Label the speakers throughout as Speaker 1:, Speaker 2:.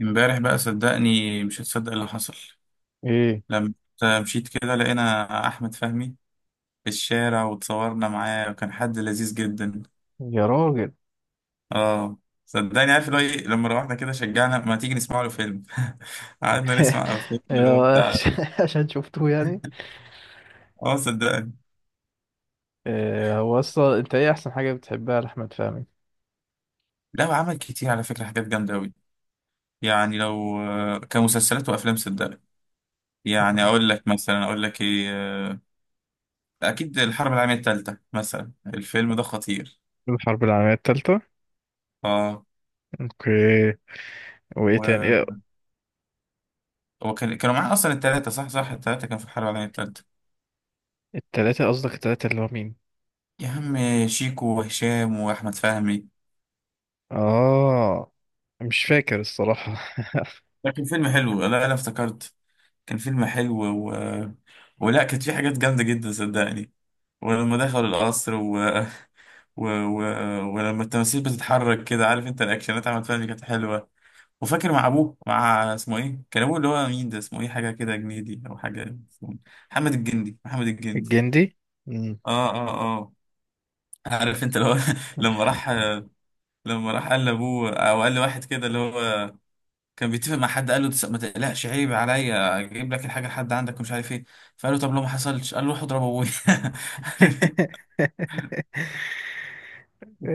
Speaker 1: امبارح بقى صدقني مش هتصدق اللي حصل.
Speaker 2: ايه
Speaker 1: لما مشيت كده لقينا احمد فهمي في الشارع وتصورنا معاه، وكان حد لذيذ جدا.
Speaker 2: يا راجل.
Speaker 1: اه صدقني، عارف اللي هو ايه، لما روحنا كده شجعنا ما تيجي نسمع له فيلم. قعدنا نسمع فيلم اللي هو
Speaker 2: يا-
Speaker 1: بتاع.
Speaker 2: عشان عشان شفته يعني.
Speaker 1: اه صدقني.
Speaker 2: إيه هو اصلا، انت ايه احسن حاجة بتحبها لأحمد فهمي؟
Speaker 1: لا وعمل كتير على فكرة حاجات جامدة أوي. يعني لو كمسلسلات وأفلام صدقني. يعني
Speaker 2: اوكي.
Speaker 1: أقول لك مثلا، أقول لك إيه، أكيد الحرب العالمية التالتة مثلا الفيلم ده خطير.
Speaker 2: الحرب العالمية التالتة. اوكي. وايه تاني،
Speaker 1: اه،
Speaker 2: ايه؟
Speaker 1: هو كانوا معاه اصلا التلاتة، صح صح، التلاتة كانوا في الحرب العالمية التالتة.
Speaker 2: التلاتة، قصدك التلاتة اللي هو مين؟
Speaker 1: يا عم، شيكو وهشام واحمد فهمي.
Speaker 2: اه، مش فاكر الصراحة.
Speaker 1: ده كان فيلم حلو، لا لا افتكرت، كان فيلم حلو و... ولا كانت في حاجات جامدة جدا صدقني. ولما دخلوا القصر و... و... ولما التماثيل بتتحرك كده، عارف انت، الاكشنات احمد فهمي كانت حلوة. وفاكر مع ابوه، مع اسمه ايه، كان ابوه اللي هو مين ده، اسمه ايه، حاجة كده جنيدي او حاجة، اسمه محمد الجندي، محمد الجندي.
Speaker 2: الجندي. مم.
Speaker 1: اه اه اه، عارف انت لو، لما راح لما راح قال لابوه او قال لواحد كده اللي هو كان بيتفق مع حد، قال له ما تقلقش، عيب عليا، اجيب لك الحاجه لحد عندك ومش عارف ايه". فقال له طب لو ما حصلش، قال له روح اضرب ابويا.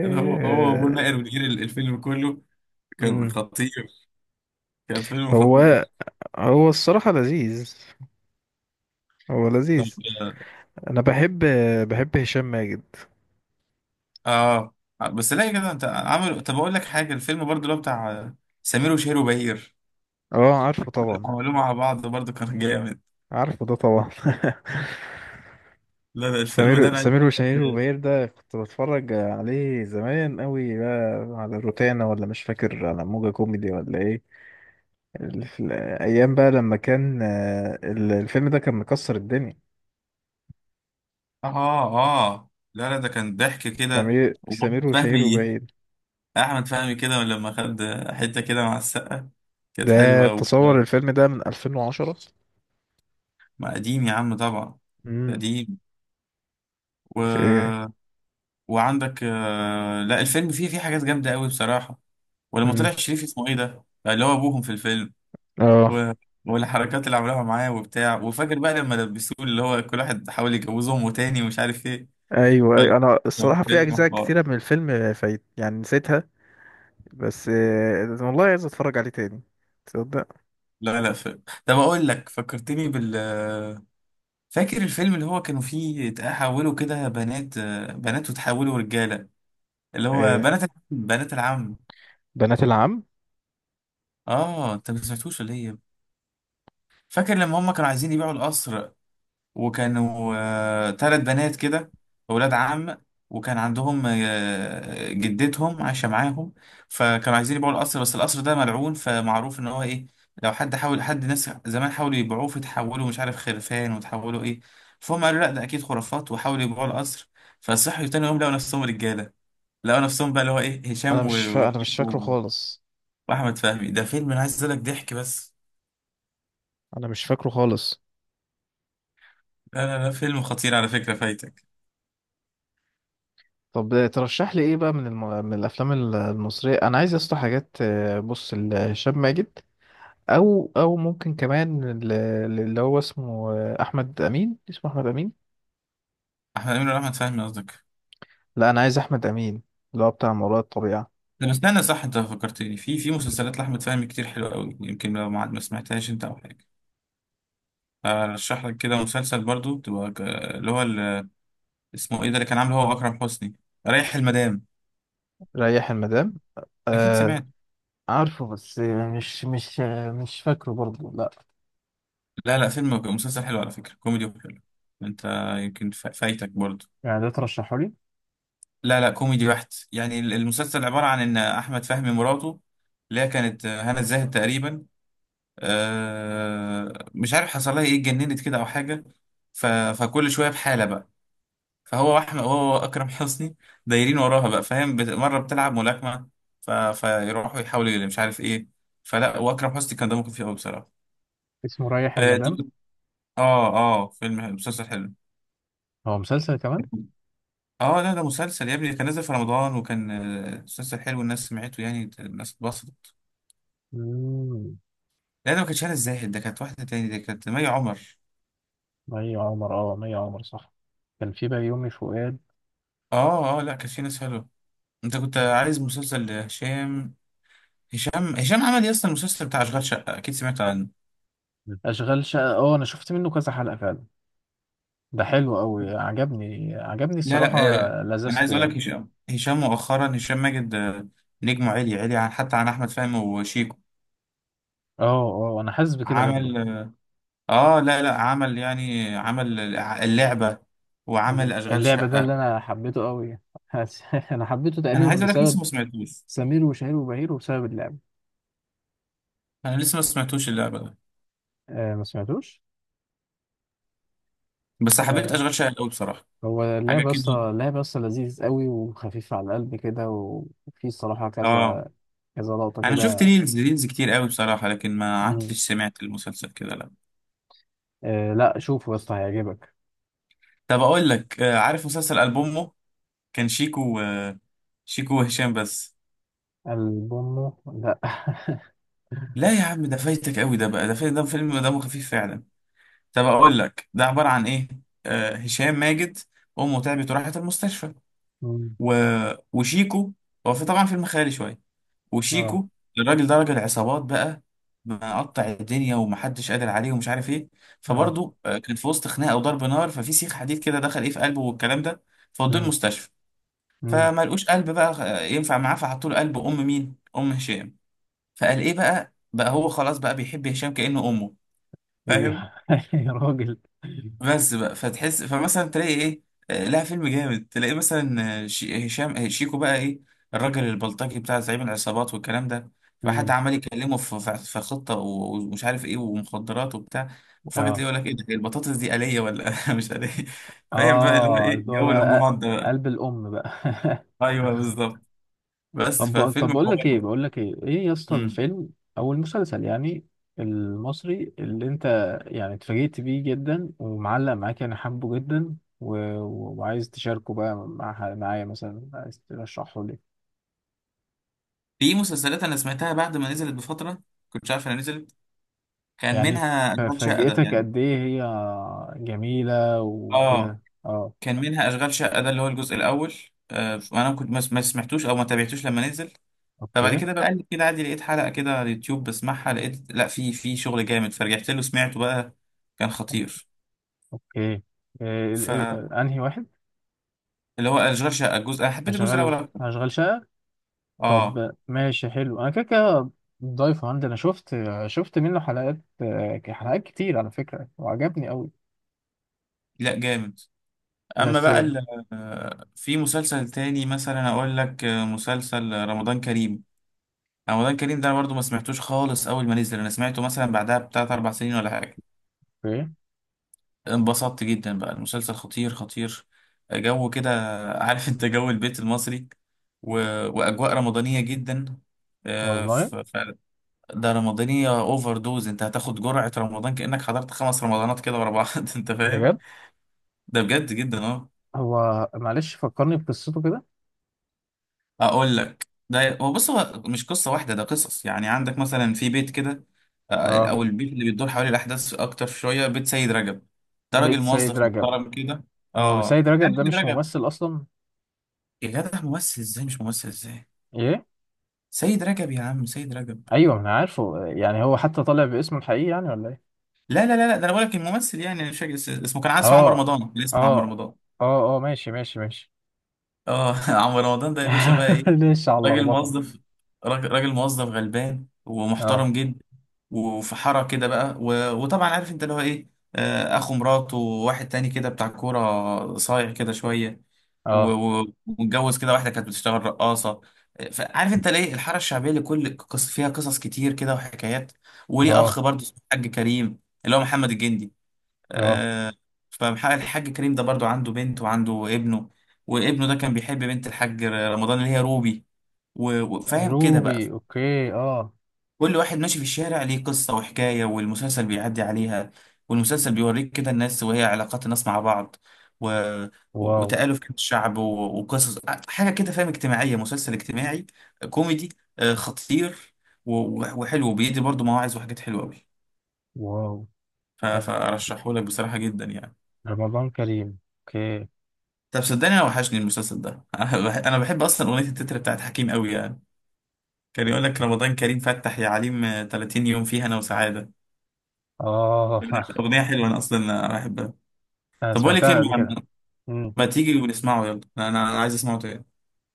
Speaker 1: كان هو، هو وابوه ناقر ونقر الفيلم كله. كان
Speaker 2: مم.
Speaker 1: خطير، كان فيلم
Speaker 2: هو
Speaker 1: خطير.
Speaker 2: هو الصراحة لذيذ. هو
Speaker 1: طب
Speaker 2: لذيذ. انا بحب هشام ماجد.
Speaker 1: اه، بس لا كده انت عملوا، طب اقول لك حاجه، الفيلم برضو اللي هو بتاع سمير وشهير وبهير،
Speaker 2: اه، عارفه طبعا.
Speaker 1: عملوه مع بعض برضو كان جامد.
Speaker 2: عارفه ده طبعا.
Speaker 1: لا لا الفيلم ده
Speaker 2: سمير
Speaker 1: انا عايز.
Speaker 2: سمير وشهير وبهير، ده كنت بتفرج عليه زمان قوي بقى على روتانا، ولا مش فاكر، على موجة كوميدي، ولا ايه؟ في الايام بقى، لما كان الفيلم ده كان مكسر الدنيا.
Speaker 1: اه اه، لا لا ده كان ضحك كده.
Speaker 2: سمير
Speaker 1: واحمد
Speaker 2: سمير وشهير
Speaker 1: فهمي،
Speaker 2: وبهير،
Speaker 1: احمد فهمي كده لما خد حته كده مع السقه كانت
Speaker 2: ده
Speaker 1: حلوه
Speaker 2: تصور الفيلم ده من 2010.
Speaker 1: ما قديم يا عم طبعا،
Speaker 2: امم.
Speaker 1: قديم و...
Speaker 2: شيء.
Speaker 1: وعندك لا الفيلم فيه حاجات جامده قوي بصراحه. ولما
Speaker 2: امم.
Speaker 1: طلع شريف اسمه ايه ده، اللي هو ابوهم في الفيلم
Speaker 2: اه،
Speaker 1: و... والحركات اللي عملوها معاه وبتاع، وفاكر بقى لما لبسوه اللي هو كل واحد حاول يجوزه امه تاني ومش عارف ايه.
Speaker 2: ايوه، أيوة. انا
Speaker 1: كان
Speaker 2: الصراحه، في
Speaker 1: فيلم
Speaker 2: اجزاء
Speaker 1: حوار.
Speaker 2: كتيره من الفيلم فايت، يعني نسيتها. بس والله عايز اتفرج عليه تاني. تصدق.
Speaker 1: لا لا فيلم، طب اقول لك، فكرتني بال، فاكر الفيلم اللي هو كانوا فيه تحولوا كده بنات، بنات وتحولوا رجالة، اللي هو
Speaker 2: آه.
Speaker 1: بنات العم.
Speaker 2: بنات العم.
Speaker 1: اه انت ما سمعتوش ولا ايه؟ فاكر لما هم كانوا عايزين يبيعوا القصر، وكانوا تلات بنات كده، أولاد عم، وكان عندهم جدتهم عايشة معاهم. فكانوا عايزين يبيعوا القصر، بس القصر ده ملعون، فمعروف إن هو إيه، لو حد حاول، حد ناس زمان حاولوا يبيعوه فتحولوا مش عارف خرفان وتحولوا إيه. فهم قالوا لأ ده أكيد خرافات، وحاولوا يبيعوا القصر. فصحوا تاني يوم لقوا نفسهم رجالة. لقوا نفسهم بقى اللي هو إيه، هشام
Speaker 2: انا مش فاكره
Speaker 1: وشيكو
Speaker 2: خالص.
Speaker 1: وأحمد فهمي. ده فيلم أنا عايز أقول لك ضحك بس.
Speaker 2: انا مش فاكره خالص.
Speaker 1: لا لا لا فيلم خطير على فكرة، فايتك.
Speaker 2: طب ترشح لي ايه بقى، من الافلام المصريه، انا عايز اسطح حاجات، بص لهشام ماجد. او ممكن كمان، اللي هو اسمه احمد امين، اسمه احمد امين.
Speaker 1: أحمد أمين ولا أحمد فهمي قصدك؟
Speaker 2: لا، انا عايز احمد امين. اللي هو بتاع ما وراء الطبيعه.
Speaker 1: طب استنى، صح انت فكرتني في مسلسلات لاحمد فهمي كتير حلوه قوي، يمكن لو ما سمعتهاش انت او حاجه، ارشح لك كده مسلسل برضو تبقى اللي هو اسمه ايه ده اللي كان عامله هو واكرم حسني، رايح المدام.
Speaker 2: ريح المدام.
Speaker 1: اكيد
Speaker 2: آه،
Speaker 1: سمعت.
Speaker 2: عارفه، بس مش فاكره برضه، لا.
Speaker 1: لا لا فيلم، مسلسل حلو على فكره، كوميدي وحلو. انت يمكن فايتك برضو.
Speaker 2: يعني ده ترشحه لي؟
Speaker 1: لا لا كوميدي بحت، يعني المسلسل عباره عن ان احمد فهمي مراته، اللي هي كانت هنا الزاهد تقريبا، مش عارف حصل لها ايه، اتجننت كده او حاجه. ف... فكل شويه بحاله بقى. فهو واحمد، هو اكرم حسني دايرين وراها بقى، فاهم، مره بتلعب ملاكمه. فيروحوا يحاولوا اللي مش عارف ايه. فلا، واكرم حسني كان دمه خفيف قوي بصراحه.
Speaker 2: اسمه ريح
Speaker 1: اه
Speaker 2: المدام.
Speaker 1: اه فيلم حلو، مسلسل حلو.
Speaker 2: هو مسلسل كمان؟
Speaker 1: اه لا ده مسلسل يا ابني، كان نازل في رمضان، وكان مسلسل حلو، الناس سمعته يعني، الناس اتبسطت.
Speaker 2: مم.
Speaker 1: لا ده ما كانتش هنا الزاهد، ده كانت واحده تاني، ده كانت مي عمر.
Speaker 2: مي عمر، اه، مي عمر، صح. كان في بيومي فؤاد.
Speaker 1: اه اه، لا كانت في ناس حلوه. انت كنت عايز مسلسل هشام. هشام عمل يا اسطى المسلسل بتاع اشغال شقه، اكيد سمعت عنه.
Speaker 2: اشغال شقه، اه، انا شفت منه كذا حلقه فعلا. ده حلو قوي، عجبني عجبني
Speaker 1: لا
Speaker 2: الصراحه.
Speaker 1: لا انا
Speaker 2: لذذته
Speaker 1: عايز اقول لك،
Speaker 2: يعني.
Speaker 1: هشام مؤخرا هشام ماجد، نجمه عالي عالي عن حتى عن احمد فهمي وشيكو.
Speaker 2: اه، اه، انا حاسس بكده برضو.
Speaker 1: عمل، اه لا لا عمل يعني، عمل اللعبه وعمل اشغال
Speaker 2: اللعبه ده اللي
Speaker 1: شقه.
Speaker 2: انا حبيته قوي. حاسس- انا حبيته
Speaker 1: انا
Speaker 2: تقريبا
Speaker 1: عايز اقول لك لسه
Speaker 2: بسبب
Speaker 1: ما سمعتوش.
Speaker 2: سمير وشهير وبهير، وبسبب اللعبه.
Speaker 1: انا لسه ما سمعتوش اللعبه ده،
Speaker 2: آه، ما سمعتوش.
Speaker 1: بس حبيت
Speaker 2: لا.
Speaker 1: اشغال شقه قوي بصراحه.
Speaker 2: هو
Speaker 1: حاجه
Speaker 2: اللعبه اصلا
Speaker 1: كده
Speaker 2: اللعبه اصلا لذيذ قوي، وخفيف على القلب كده، و- وفي الصراحه،
Speaker 1: اه.
Speaker 2: كذا كذا لقطه
Speaker 1: انا شفت
Speaker 2: كده.
Speaker 1: ريلز ريلز كتير قوي بصراحه، لكن ما قعدتش سمعت المسلسل كده لا.
Speaker 2: آه، لا، شوفه يا اسطى، هيعجبك.
Speaker 1: طب اقول لك عارف مسلسل البومه، كان شيكو شيكو وهشام بس.
Speaker 2: ألبومه؟ لا.
Speaker 1: لا يا عم ده فايتك قوي، ده بقى ده فايت، ده فيلم دمه خفيف فعلا. طب اقول لك ده عباره عن ايه. آه هشام ماجد، امه تعبت وراحت المستشفى
Speaker 2: مم،
Speaker 1: و... وشيكو، هو في طبعا فيلم خيالي شويه،
Speaker 2: اه،
Speaker 1: وشيكو الراجل ده راجل عصابات بقى، مقطع الدنيا ومحدش قادر عليه ومش عارف ايه.
Speaker 2: اه،
Speaker 1: فبرضه كان في وسط خناقه وضرب نار، ففي سيخ حديد كده دخل ايه في قلبه والكلام ده. فودوه
Speaker 2: مم،
Speaker 1: المستشفى،
Speaker 2: مم.
Speaker 1: فما لقوش قلب بقى ينفع معاه، فحطوا له قلب ام مين، ام هشام. فقال ايه بقى، بقى هو خلاص بقى بيحب هشام كأنه امه، فاهم.
Speaker 2: إيه، يا راجل.
Speaker 1: بس بقى فتحس، فمثلا تلاقي ايه لها فيلم جامد، تلاقي مثلا هشام شيكو بقى ايه، الراجل البلطجي بتاع زعيم العصابات والكلام ده. فحد
Speaker 2: مم،
Speaker 1: عمال يكلمه في في خطه ومش عارف ايه ومخدرات وبتاع. وفجاه تلاقيه
Speaker 2: اه،
Speaker 1: يقول لك ايه ده، هي البطاطس دي آلية ولا مش آلية. فاهم بقى اللي هو
Speaker 2: اه،
Speaker 1: ايه،
Speaker 2: اللي هو
Speaker 1: جو
Speaker 2: بقى
Speaker 1: الامهات ده.
Speaker 2: قلب الأم بقى.
Speaker 1: بقى ايوه بالظبط. بس
Speaker 2: طب،
Speaker 1: ففيلم
Speaker 2: بقول
Speaker 1: حوار
Speaker 2: لك ايه
Speaker 1: بقى.
Speaker 2: بقول لك ايه ايه يا اسطى،
Speaker 1: مم.
Speaker 2: الفيلم او المسلسل يعني، المصري اللي انت يعني اتفاجئت بيه جدا ومعلق معاك يعني، حبه جدا، و... و- وعايز تشاركه بقى مع معايا، مثلا عايز ترشحه.
Speaker 1: في مسلسلات انا سمعتها بعد ما نزلت بفتره، كنت عارف انا نزلت، كان
Speaker 2: يعني،
Speaker 1: منها اشغال شقه ده
Speaker 2: فاجأتك
Speaker 1: يعني.
Speaker 2: قد ايه هي جميلة،
Speaker 1: اه
Speaker 2: وفيها، اه.
Speaker 1: كان منها اشغال شقه ده اللي هو الجزء الاول، انا كنت ما سمعتوش او ما تابعتوش لما نزل. فبعد
Speaker 2: اوكي.
Speaker 1: كده بقلب كده عادي لقيت حلقه كده على اليوتيوب بسمعها، لقيت لا في شغل جامد، فرجعت له سمعته بقى كان خطير.
Speaker 2: اوكي. إيه
Speaker 1: فاللي
Speaker 2: انهي واحد؟
Speaker 1: هو اشغال شقه الجزء، انا حبيت الجزء الاول
Speaker 2: هشغل
Speaker 1: اكتر.
Speaker 2: هشغل شقة.
Speaker 1: اه
Speaker 2: طب ماشي حلو، انا كده كده ضايفه عندي، انا شفت منه حلقات، حلقات كتير على فكرة، وعجبني قوي.
Speaker 1: لا جامد. اما
Speaker 2: بس،
Speaker 1: بقى في مسلسل تاني مثلا اقول لك، مسلسل رمضان كريم. رمضان كريم ده انا برضه ما سمعتوش خالص اول ما نزل، انا سمعته مثلا بعدها بتلات اربع سنين ولا حاجه،
Speaker 2: اوكي.
Speaker 1: انبسطت جدا بقى المسلسل خطير خطير. جو كده، عارف انت، جو البيت المصري و... واجواء رمضانيه جدا، آه،
Speaker 2: والله.
Speaker 1: ف... ف... ده رمضانيه اوفر دوز، انت هتاخد جرعه رمضان كانك حضرت 5 رمضانات كده ورا بعض انت فاهم،
Speaker 2: بجد.
Speaker 1: ده بجد جدا اه.
Speaker 2: هو معلش، فكرني بقصته كده.
Speaker 1: اقول لك، ده هو بص، هو مش قصه واحده، ده قصص يعني. عندك مثلا في بيت كده،
Speaker 2: اه،
Speaker 1: او البيت اللي بيدور حوالي الاحداث اكتر شويه، بيت سيد رجب، ده
Speaker 2: بيت
Speaker 1: راجل
Speaker 2: سيد
Speaker 1: موظف
Speaker 2: رجب.
Speaker 1: محترم كده.
Speaker 2: هو
Speaker 1: اه
Speaker 2: سيد رجب
Speaker 1: عارف
Speaker 2: ده
Speaker 1: سيد
Speaker 2: مش
Speaker 1: رجب؟
Speaker 2: ممثل اصلا؟
Speaker 1: يا جدع ممثل ازاي، مش ممثل ازاي،
Speaker 2: ايه؟
Speaker 1: سيد رجب يا عم، سيد رجب.
Speaker 2: ايوه، ما انا عارفه يعني، هو حتى طالع باسمه الحقيقي يعني، ولا ايه؟
Speaker 1: لا لا لا لا ده انا بقول لك الممثل يعني، انا مش فاكر اسمه، كان عايز اسمه عمرو
Speaker 2: اه،
Speaker 1: رمضان، كان اسمه عمرو
Speaker 2: اه،
Speaker 1: رمضان.
Speaker 2: اه، اه، ماشي، ماشي، ماشي.
Speaker 1: اه عمرو رمضان ده يا باشا بقى ايه،
Speaker 2: ليش على
Speaker 1: راجل
Speaker 2: اللخبطه.
Speaker 1: موظف، راجل موظف غلبان
Speaker 2: اه،
Speaker 1: ومحترم جدا. وفي حارة كده بقى وطبعا عارف انت اللي هو ايه، اخو مراته، وواحد تاني كده بتاع كورة صايع كده شوية
Speaker 2: اه،
Speaker 1: ومتجوز كده واحدة كانت بتشتغل رقاصة، فعارف انت ليه الحارة الشعبية اللي كل فيها قصص كتير كده وحكايات. وليه
Speaker 2: اه،
Speaker 1: اخ برضه اسمه الحاج كريم، اللي هو محمد الجندي،
Speaker 2: اه.
Speaker 1: آه، فالحاج كريم ده برضه عنده بنت وعنده ابنه، وابنه ده كان بيحب بنت الحاج رمضان اللي هي روبي وفاهم كده بقى.
Speaker 2: روبي، اوكي، اه.
Speaker 1: كل واحد ماشي في الشارع ليه قصة وحكاية، والمسلسل بيعدي عليها، والمسلسل بيوريك كده الناس وهي علاقات الناس مع بعض و...
Speaker 2: واو.
Speaker 1: وتآلف كده الشعب وقصص، حاجة كده فاهم، اجتماعية، مسلسل اجتماعي كوميدي، خطير وحلو بيدي برضو مواعظ وحاجات حلوة أوي.
Speaker 2: واو. آه،
Speaker 1: فأرشحه لك بصراحة جدا يعني.
Speaker 2: رمضان كريم، اوكي.
Speaker 1: طب صدقني، أنا وحشني المسلسل ده. أنا أنا بحب أصلا أغنية التتر بتاعت حكيم أوي يعني، كان يقول لك رمضان كريم فتح يا عليم، 30 يوم فيها أنا وسعادة.
Speaker 2: اه.
Speaker 1: أغنية حلوة أنا أصلا بحبها.
Speaker 2: انا
Speaker 1: طب بقول لك ايه،
Speaker 2: سمعتها قبل
Speaker 1: ما
Speaker 2: كده. امم.
Speaker 1: ما تيجي ونسمعه، يلا انا عايز اسمعه تاني.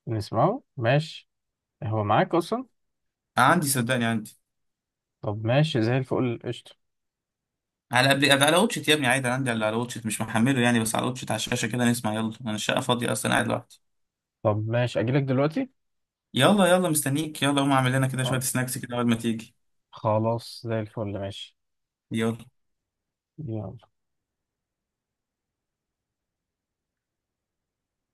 Speaker 2: نسمعه، ماشي. هو معاك اصلا؟
Speaker 1: عندي صدقني عندي،
Speaker 2: طب ماشي، زي الفل، قشطه.
Speaker 1: على قبل على واتشت يا ابني عادي، أنا عندي على واتشت مش محمله يعني، بس على واتشت على الشاشه كده نسمع. يلا انا الشقه فاضيه اصلا قاعد لوحدي.
Speaker 2: طب ماشي، اجيلك دلوقتي.
Speaker 1: يلا يلا مستنيك، يلا قوم اعمل لنا كده شويه
Speaker 2: خلاص.
Speaker 1: سناكس كده اول ما تيجي.
Speaker 2: خلاص، زي الفل، ماشي.
Speaker 1: يلا.
Speaker 2: يلا.